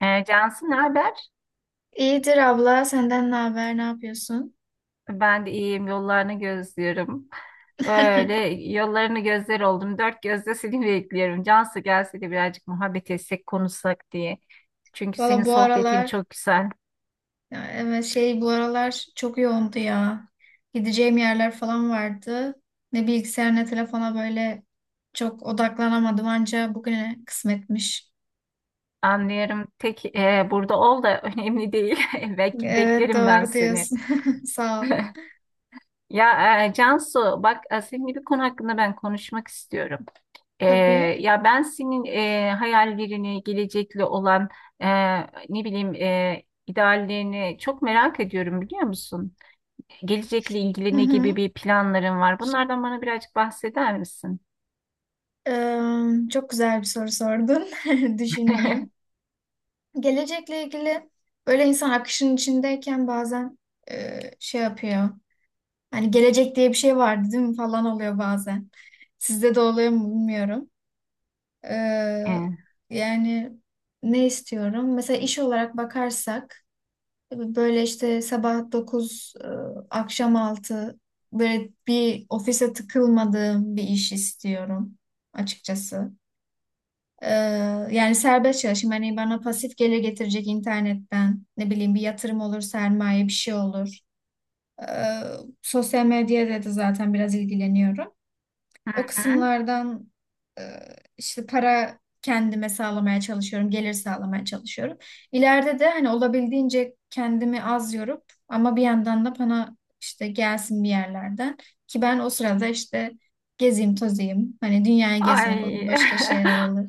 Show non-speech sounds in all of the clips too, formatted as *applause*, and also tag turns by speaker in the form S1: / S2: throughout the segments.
S1: Cansu ne haber?
S2: İyidir abla, senden ne haber, ne yapıyorsun?
S1: Ben de iyiyim. Yollarını gözlüyorum.
S2: *laughs*
S1: Böyle yollarını gözler oldum. Dört gözle seni bekliyorum. Cansu gelse de birazcık muhabbet etsek, konuşsak diye. Çünkü senin
S2: Valla, bu
S1: sohbetin
S2: aralar,
S1: çok güzel.
S2: ya evet, bu aralar çok yoğundu ya. Gideceğim yerler falan vardı. Ne bilgisayar ne telefona böyle çok odaklanamadım, anca bugüne kısmetmiş.
S1: Anlıyorum. Tek burada ol da *laughs* önemli değil. *laughs*
S2: Evet,
S1: Beklerim ben
S2: doğru
S1: seni.
S2: diyorsun. *laughs* Sağ ol.
S1: Ya Cansu bak seninle bir konu hakkında ben konuşmak istiyorum. Ee,
S2: Tabii.
S1: ya ben senin hayallerini, gelecekle olan e, ne bileyim ideallerini çok merak ediyorum biliyor musun? Gelecekle
S2: Hı
S1: ilgili ne gibi
S2: hı.
S1: bir planların var? Bunlardan bana birazcık bahseder misin?
S2: Çok güzel bir soru sordun. *laughs* Düşüneyim. Gelecekle ilgili böyle, insan akışın içindeyken bazen şey yapıyor. Hani gelecek diye bir şey vardı değil mi falan oluyor bazen. Sizde de oluyor mu bilmiyorum. Ee,
S1: Hı
S2: yani ne istiyorum? Mesela iş olarak bakarsak böyle işte sabah 9, akşam 6, böyle bir ofise tıkılmadığım bir iş istiyorum açıkçası. Ee, yani serbest çalışayım. Hani bana pasif gelir getirecek internetten. Ne bileyim, bir yatırım olur, sermaye bir şey olur. Ee, sosyal medyada da zaten biraz ilgileniyorum. O
S1: hı.
S2: kısımlardan e, işte para kendime sağlamaya çalışıyorum, gelir sağlamaya çalışıyorum. İleride de hani olabildiğince kendimi az yorup ama bir yandan da bana işte gelsin bir yerlerden, ki ben o sırada işte gezeyim, tozayım. Hani dünyayı gezmek olur,
S1: Ay
S2: başka şeyler olur.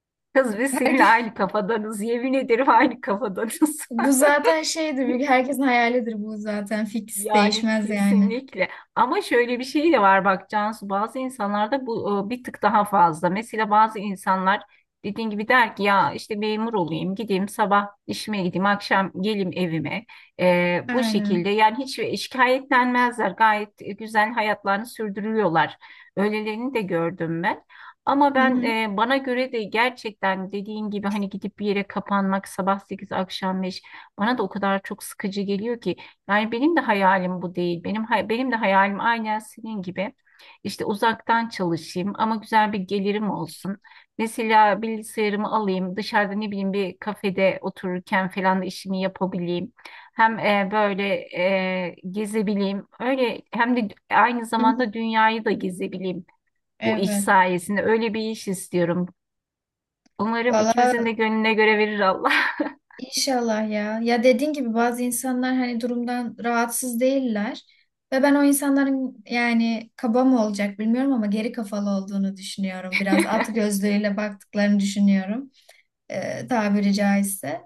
S1: *laughs* kız biz seninle
S2: Herke-
S1: aynı
S2: *laughs*
S1: kafadanız. Yemin ederim aynı kafadanız.
S2: bu zaten şeydir,
S1: *laughs*
S2: herkesin hayalidir bu zaten. Fix
S1: Yani
S2: değişmez yani.
S1: kesinlikle. Ama şöyle bir şey de var bak Cansu, bazı insanlarda bu bir tık daha fazla. Mesela bazı insanlar dediğin gibi der ki ya işte memur olayım, gideyim sabah işime, gideyim akşam gelim evime. E, bu
S2: Aynen.
S1: şekilde yani hiç şikayetlenmezler, gayet güzel hayatlarını sürdürüyorlar. Öylelerini de gördüm ben. Ama
S2: Hı
S1: ben
S2: hı.
S1: bana göre de gerçekten dediğin gibi hani gidip bir yere kapanmak sabah 8 akşam 5 bana da o kadar çok sıkıcı geliyor ki. Yani benim de hayalim bu değil. Benim de hayalim aynen senin gibi. İşte uzaktan çalışayım ama güzel bir gelirim olsun. Mesela bilgisayarımı alayım, dışarıda ne bileyim bir kafede otururken falan da işimi yapabileyim. Hem böyle gezebileyim. Öyle hem de aynı
S2: Hı hı.
S1: zamanda dünyayı da gezebileyim bu iş
S2: Evet.
S1: sayesinde. Öyle bir iş istiyorum. Umarım
S2: Valla,
S1: ikimizin de gönlüne göre verir Allah. *laughs*
S2: İnşallah ya. Ya dediğin gibi bazı insanlar hani durumdan rahatsız değiller. Ve ben o insanların, yani kaba mı olacak bilmiyorum ama, geri kafalı olduğunu düşünüyorum. Biraz at gözlüğüyle baktıklarını düşünüyorum, tabiri caizse.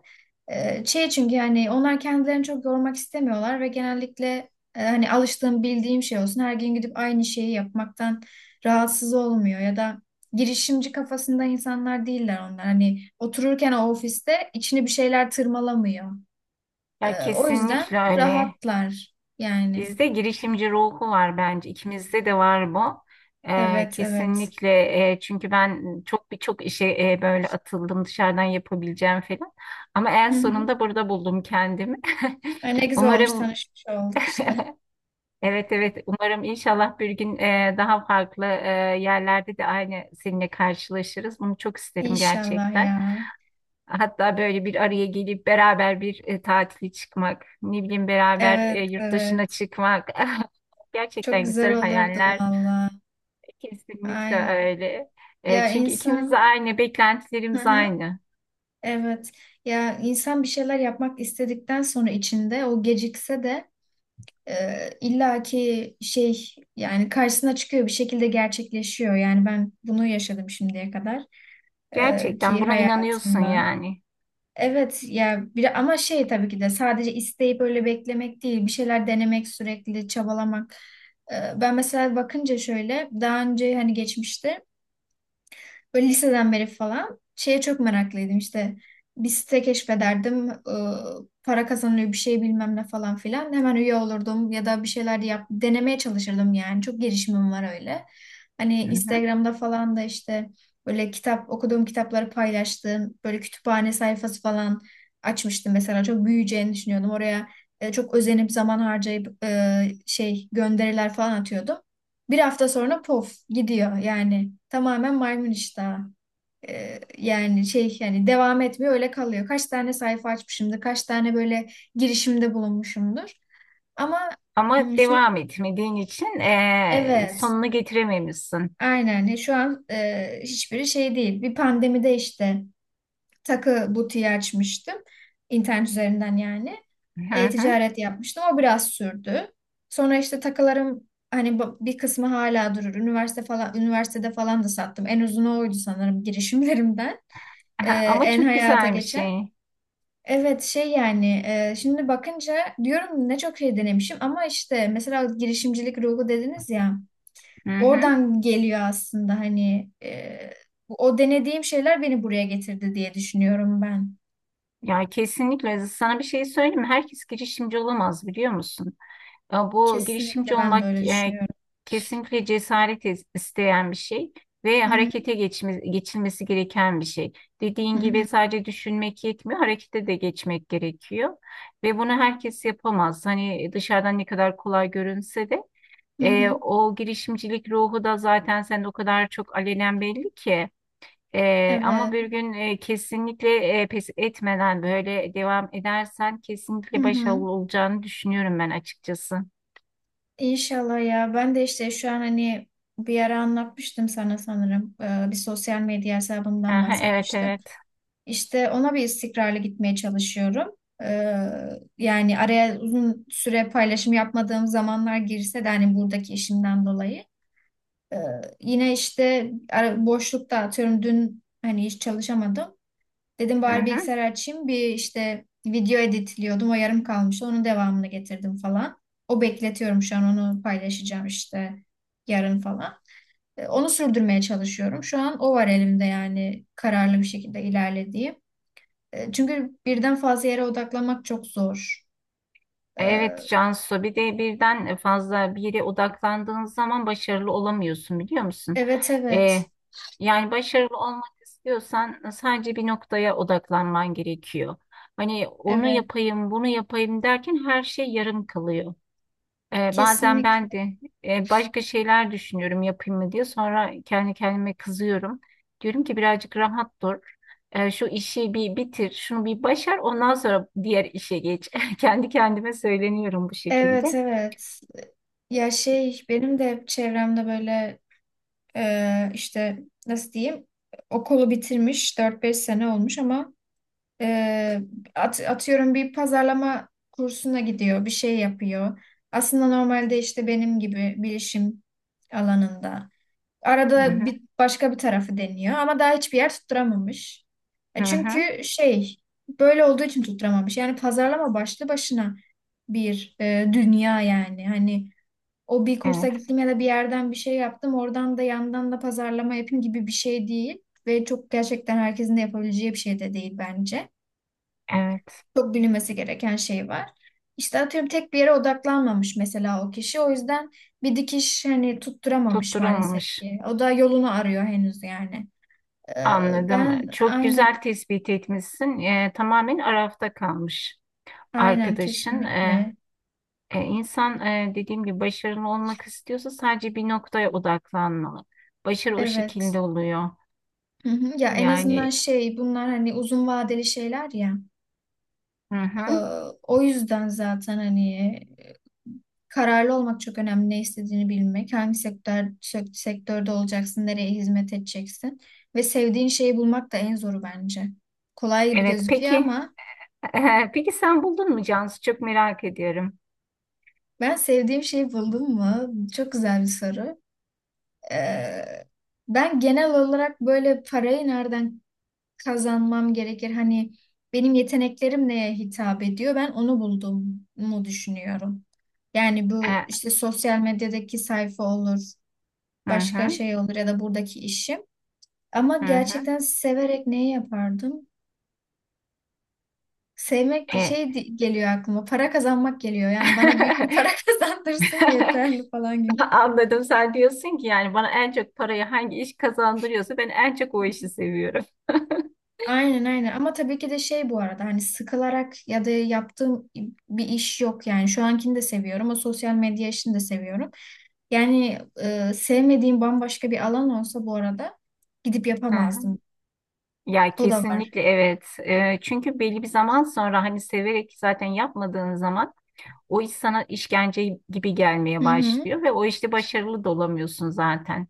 S2: Şey çünkü yani onlar kendilerini çok yormak istemiyorlar ve genellikle hani alıştığım bildiğim şey olsun, her gün gidip aynı şeyi yapmaktan rahatsız olmuyor ya da girişimci kafasında insanlar değiller onlar. Hani otururken o ofiste içini bir şeyler tırmalamıyor.
S1: Ya
S2: O yüzden
S1: kesinlikle öyle.
S2: rahatlar yani.
S1: Bizde girişimci ruhu var bence. İkimizde de var bu.
S2: Evet evet.
S1: Kesinlikle çünkü ben birçok işe böyle atıldım, dışarıdan yapabileceğim falan. Ama en
S2: Hı hı.
S1: sonunda burada buldum kendimi.
S2: Ay, ne
S1: *laughs*
S2: güzel olmuş
S1: Umarım
S2: tanışmış olduk işte.
S1: evet evet, umarım inşallah bir gün daha farklı yerlerde de aynı seninle karşılaşırız. Bunu çok isterim
S2: İnşallah
S1: gerçekten.
S2: ya.
S1: Hatta böyle bir araya gelip beraber bir tatile çıkmak, ne bileyim beraber
S2: Evet
S1: yurt dışına
S2: evet.
S1: çıkmak. *laughs*
S2: Çok
S1: Gerçekten
S2: güzel
S1: güzel
S2: olurdu
S1: hayaller.
S2: valla.
S1: Kesinlikle
S2: Aynen.
S1: öyle. E,
S2: Ya
S1: çünkü ikimiz de
S2: insan,
S1: aynı,
S2: hı
S1: beklentilerimiz
S2: hı,
S1: aynı.
S2: evet. Ya insan bir şeyler yapmak istedikten sonra, içinde o gecikse de illaki şey, yani karşısına çıkıyor bir şekilde, gerçekleşiyor. Yani ben bunu yaşadım şimdiye kadar
S1: Gerçekten
S2: ki
S1: buna inanıyorsun
S2: hayatımda.
S1: yani.
S2: Evet ya, bir ama şey tabii ki de sadece isteyip öyle beklemek değil, bir şeyler denemek, sürekli çabalamak. Ben mesela bakınca şöyle daha önce, hani geçmişte böyle liseden beri falan şeye çok meraklıydım işte. Bir site keşfederdim, para kazanılıyor bir şey bilmem ne falan filan. Hemen üye olurdum ya da bir şeyler yap, denemeye çalışırdım yani. Çok girişimim var öyle. Hani
S1: Hı hı.
S2: Instagram'da falan da işte böyle kitap okuduğum, kitapları paylaştığım böyle kütüphane sayfası falan açmıştım mesela. Çok büyüyeceğini düşünüyordum. Oraya çok özenip zaman harcayıp şey gönderiler falan atıyordum. Bir hafta sonra pof gidiyor, yani tamamen maymun iştahı. Yani şey, yani devam etmiyor, öyle kalıyor. Kaç tane sayfa açmışımdır, kaç tane böyle girişimde bulunmuşumdur. Ama
S1: Ama
S2: şimdi,
S1: devam etmediğin için
S2: evet
S1: sonunu getirememişsin.
S2: aynen. Şu an hiçbiri şey değil. Bir pandemide işte takı butiği açmıştım. İnternet üzerinden yani.
S1: Hı hı. *laughs*
S2: E-ticaret yapmıştım. O biraz sürdü. Sonra işte takılarım hani bir kısmı hala durur. Üniversite falan, üniversitede falan da sattım. En uzunu oydu sanırım girişimlerimden. Ee,
S1: Aha, ama
S2: en
S1: çok
S2: hayata
S1: güzel bir
S2: geçen.
S1: şey.
S2: Evet, şey yani şimdi bakınca diyorum ne çok şey denemişim, ama işte mesela girişimcilik ruhu dediniz ya,
S1: Hı hı.
S2: oradan geliyor aslında. Hani o denediğim şeyler beni buraya getirdi diye düşünüyorum ben.
S1: Ya kesinlikle, sana bir şey söyleyeyim mi? Herkes girişimci olamaz biliyor musun? E, bu girişimci
S2: Kesinlikle ben de
S1: olmak
S2: öyle düşünüyorum.
S1: kesinlikle cesaret isteyen bir şey ve
S2: Hı hı,
S1: harekete geçilmesi gereken bir şey.
S2: hı
S1: Dediğin
S2: hı,
S1: gibi sadece düşünmek yetmiyor, harekete de geçmek gerekiyor. Ve bunu herkes yapamaz. Hani dışarıdan ne kadar kolay görünse de
S2: hı hı.
S1: o girişimcilik ruhu da zaten sende o kadar çok alenen belli ki. E, ama
S2: Evet.
S1: bir gün kesinlikle pes etmeden böyle devam edersen
S2: Hı
S1: kesinlikle
S2: hı.
S1: başarılı olacağını düşünüyorum ben açıkçası.
S2: İnşallah ya. Ben de işte şu an hani bir ara anlatmıştım sana sanırım. Bir sosyal medya hesabımdan
S1: Aha, evet
S2: bahsetmiştim.
S1: evet.
S2: İşte ona bir istikrarlı gitmeye çalışıyorum. Ee, yani araya uzun süre paylaşım yapmadığım zamanlar girse de, hani buradaki işimden dolayı. Ee, yine işte boşlukta, atıyorum dün hani hiç çalışamadım. Dedim bari
S1: Aha.
S2: bilgisayar açayım, bir işte video editliyordum, o yarım kalmıştı, onun devamını getirdim falan. O bekletiyorum şu an, onu paylaşacağım işte yarın falan. Onu sürdürmeye çalışıyorum. Şu an o var elimde, yani kararlı bir şekilde ilerlediğim. Çünkü birden fazla yere odaklanmak çok zor. E,
S1: Evet Cansu, bir de birden fazla bir yere odaklandığın zaman başarılı olamıyorsun biliyor musun?
S2: Evet
S1: Ee,
S2: evet
S1: yani başarılı olmak istiyorsan sadece bir noktaya odaklanman gerekiyor. Hani onu
S2: evet,
S1: yapayım bunu yapayım derken her şey yarım kalıyor. Bazen
S2: kesinlikle,
S1: ben de başka şeyler düşünüyorum yapayım mı diye. Sonra kendi kendime kızıyorum. Diyorum ki birazcık rahat dur. Şu işi bir bitir, şunu bir başar, ondan sonra diğer işe geç. *laughs* Kendi kendime söyleniyorum bu
S2: evet
S1: şekilde.
S2: evet. Ya
S1: Hı
S2: şey benim de hep çevremde böyle işte, nasıl diyeyim, okulu bitirmiş 4-5 sene olmuş, ama e, atıyorum bir pazarlama kursuna gidiyor, bir şey yapıyor. Aslında normalde işte benim gibi bilişim alanında. Arada
S1: hı,
S2: bir başka bir tarafı deniyor ama daha hiçbir yer tutturamamış.
S1: hı
S2: E
S1: hı.
S2: çünkü şey, böyle olduğu için tutturamamış. Yani pazarlama başlı başına bir dünya yani. Hani o bir kursa
S1: Evet,
S2: gittim ya da bir yerden bir şey yaptım, oradan da yandan da pazarlama yapayım gibi bir şey değil. Ve çok gerçekten herkesin de yapabileceği bir şey de değil bence.
S1: evet.
S2: Çok bilinmesi gereken şey var. İşte atıyorum tek bir yere odaklanmamış mesela o kişi. O yüzden bir dikiş hani tutturamamış maalesef
S1: Tutturamamış.
S2: ki. O da yolunu arıyor henüz yani.
S1: Anladım.
S2: Ben
S1: Çok
S2: aynen,
S1: güzel tespit etmişsin. Tamamen arafta kalmış
S2: aynen
S1: arkadaşın.
S2: kesinlikle.
S1: E, insan dediğim gibi başarılı olmak istiyorsa sadece bir noktaya odaklanmalı. Başarı o
S2: Evet.
S1: şekilde oluyor.
S2: Hı hı. Ya en azından
S1: Yani
S2: şey, bunlar hani uzun vadeli şeyler ya.
S1: hı
S2: Ee,
S1: hı.
S2: o yüzden zaten hani e, kararlı olmak çok önemli. Ne istediğini bilmek, hangi sektörde olacaksın, nereye hizmet edeceksin ve sevdiğin şeyi bulmak da en zoru bence. Kolay gibi
S1: Evet
S2: gözüküyor,
S1: peki,
S2: ama
S1: *laughs* peki sen buldun mu Cansu? Çok merak ediyorum.
S2: ben sevdiğim şeyi buldum mu? Çok güzel bir soru. Ee, ben genel olarak böyle parayı nereden kazanmam gerekir. Hani benim yeteneklerim neye hitap ediyor? Ben onu buldum mu düşünüyorum. Yani bu
S1: E,
S2: işte sosyal medyadaki sayfa olur,
S1: hı
S2: başka
S1: hı
S2: şey olur, ya da buradaki işim. Ama
S1: hı hı.
S2: gerçekten severek neyi yapardım? Sevmek de
S1: E,
S2: geliyor aklıma. Para kazanmak geliyor. Yani bana büyük bir para *laughs*
S1: *laughs*
S2: kazandırsın
S1: *laughs*
S2: yeterli falan gibi.
S1: anladım. Sen diyorsun ki yani bana en çok parayı hangi iş kazandırıyorsa ben en çok o işi seviyorum. *laughs*
S2: Aynen, aynen, ama tabii ki de şey, bu arada hani sıkılarak ya da yaptığım bir iş yok yani. Şu ankini de seviyorum, o sosyal medya işini de seviyorum. Yani sevmediğim bambaşka bir alan olsa, bu arada gidip
S1: Hı hı.
S2: yapamazdım.
S1: Ya
S2: O da var.
S1: kesinlikle evet. Çünkü belli bir zaman sonra hani severek zaten yapmadığın zaman o iş sana işkence gibi gelmeye
S2: Hı hı.
S1: başlıyor ve o işte başarılı da olamıyorsun zaten.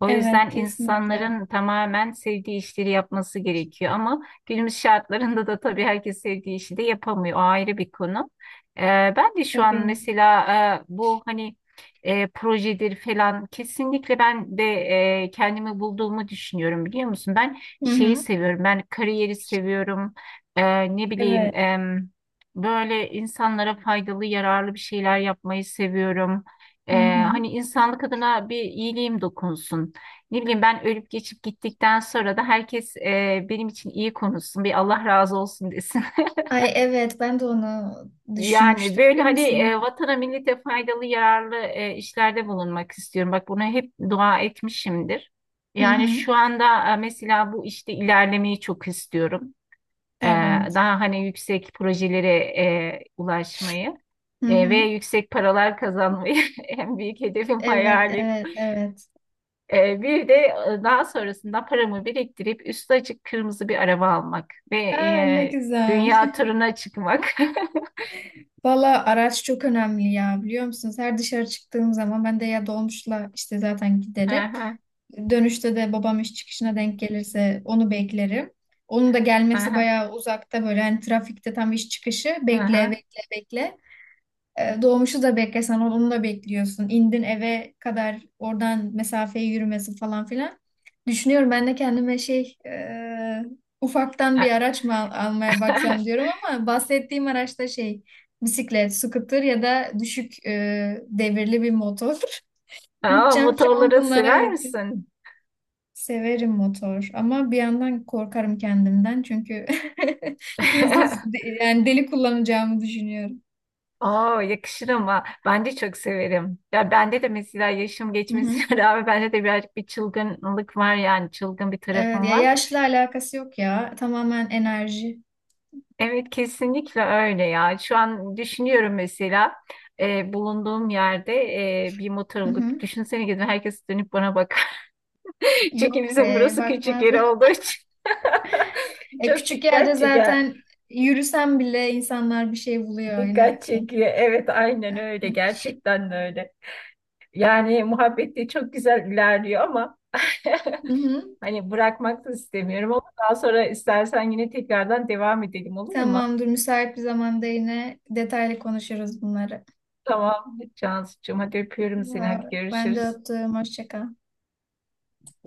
S1: O
S2: Evet,
S1: yüzden
S2: kesinlikle.
S1: insanların tamamen sevdiği işleri yapması gerekiyor. Ama günümüz şartlarında da tabii herkes sevdiği işi de yapamıyor. O ayrı bir konu. Ben de şu an
S2: Tabii.
S1: mesela bu hani projedir falan, kesinlikle ben de kendimi bulduğumu düşünüyorum biliyor musun? Ben
S2: Hı
S1: şeyi
S2: hı.
S1: seviyorum. Ben kariyeri seviyorum. Ne bileyim
S2: Evet.
S1: böyle insanlara faydalı, yararlı bir şeyler yapmayı seviyorum.
S2: Hı
S1: Ee,
S2: hı.
S1: hani insanlık adına bir iyiliğim dokunsun. Ne bileyim, ben ölüp geçip gittikten sonra da herkes benim için iyi konuşsun, bir Allah razı olsun desin. *laughs*
S2: Ay evet, ben de onu
S1: Yani
S2: düşünmüştüm
S1: böyle
S2: biliyor
S1: hani
S2: musun?
S1: vatana millete faydalı yararlı işlerde bulunmak istiyorum. Bak buna hep dua etmişimdir.
S2: Hı
S1: Yani
S2: hı.
S1: şu anda mesela bu işte ilerlemeyi çok istiyorum. E,
S2: Evet.
S1: daha hani yüksek projelere ulaşmayı
S2: Hı
S1: ve
S2: hı.
S1: yüksek paralar kazanmayı *laughs* en büyük hedefim,
S2: Evet
S1: hayalim.
S2: evet evet.
S1: Bir de daha sonrasında paramı biriktirip üstü açık kırmızı bir araba almak ve
S2: Aa, ne güzel.
S1: dünya turuna çıkmak. *laughs*
S2: Valla, araç çok önemli ya, biliyor musunuz? Her dışarı çıktığım zaman ben de ya dolmuşla işte zaten giderim.
S1: Aha,
S2: Dönüşte de babam iş çıkışına denk gelirse onu beklerim. Onun da gelmesi
S1: aha,
S2: bayağı uzakta, böyle hani trafikte tam iş çıkışı, bekle
S1: aha.
S2: bekle bekle. Doğmuşu da beklesen, onu da bekliyorsun. İndin eve kadar, oradan mesafeyi yürümesi falan filan. Düşünüyorum, ben de kendime ufaktan bir araç mı almaya baksam diyorum,
S1: *laughs*
S2: ama bahsettiğim araçta bisiklet, scooter ya da düşük devirli bir motor. *laughs*
S1: Aa,
S2: Bütçem şu an
S1: motorları
S2: bunlara
S1: sever
S2: yetiyor.
S1: misin?
S2: Severim motor, ama bir yandan korkarım kendimden, çünkü *laughs* hızlı,
S1: *laughs*
S2: yani deli kullanacağımı düşünüyorum.
S1: Oo, yakışır ama ben de çok severim. Ya bende de mesela yaşım
S2: Hı hı.
S1: geçmesine *laughs* rağmen bende de birazcık bir çılgınlık var, yani çılgın bir
S2: Evet,
S1: tarafım
S2: ya
S1: var.
S2: yaşla alakası yok ya. Tamamen enerji.
S1: Evet kesinlikle öyle ya. Şu an düşünüyorum mesela bulunduğum yerde bir motor
S2: Hı
S1: alıp
S2: hı.
S1: düşünsene, gidin herkes dönüp bana bak. *laughs* Çünkü
S2: Yok
S1: bizim
S2: be,
S1: burası küçük yer
S2: bakmazlar.
S1: olduğu
S2: *laughs*
S1: için. *laughs* Çok
S2: Küçük yerde
S1: dikkat çeker.
S2: zaten yürüsen bile insanlar bir şey buluyor inan
S1: Dikkat
S2: ki.
S1: çekiyor. Evet aynen öyle.
S2: Aynen.
S1: Gerçekten de öyle. Yani muhabbet de çok güzel ilerliyor ama *laughs*
S2: Hı hı.
S1: hani bırakmak da istemiyorum, ama daha sonra istersen yine tekrardan devam edelim olur mu?
S2: Tamamdır, müsait bir zamanda yine detaylı konuşuruz bunları.
S1: Tamam Cansucuğum, hadi öpüyorum seni.
S2: Ya,
S1: Hadi
S2: ben de
S1: görüşürüz.
S2: öptüm, hoşça kal.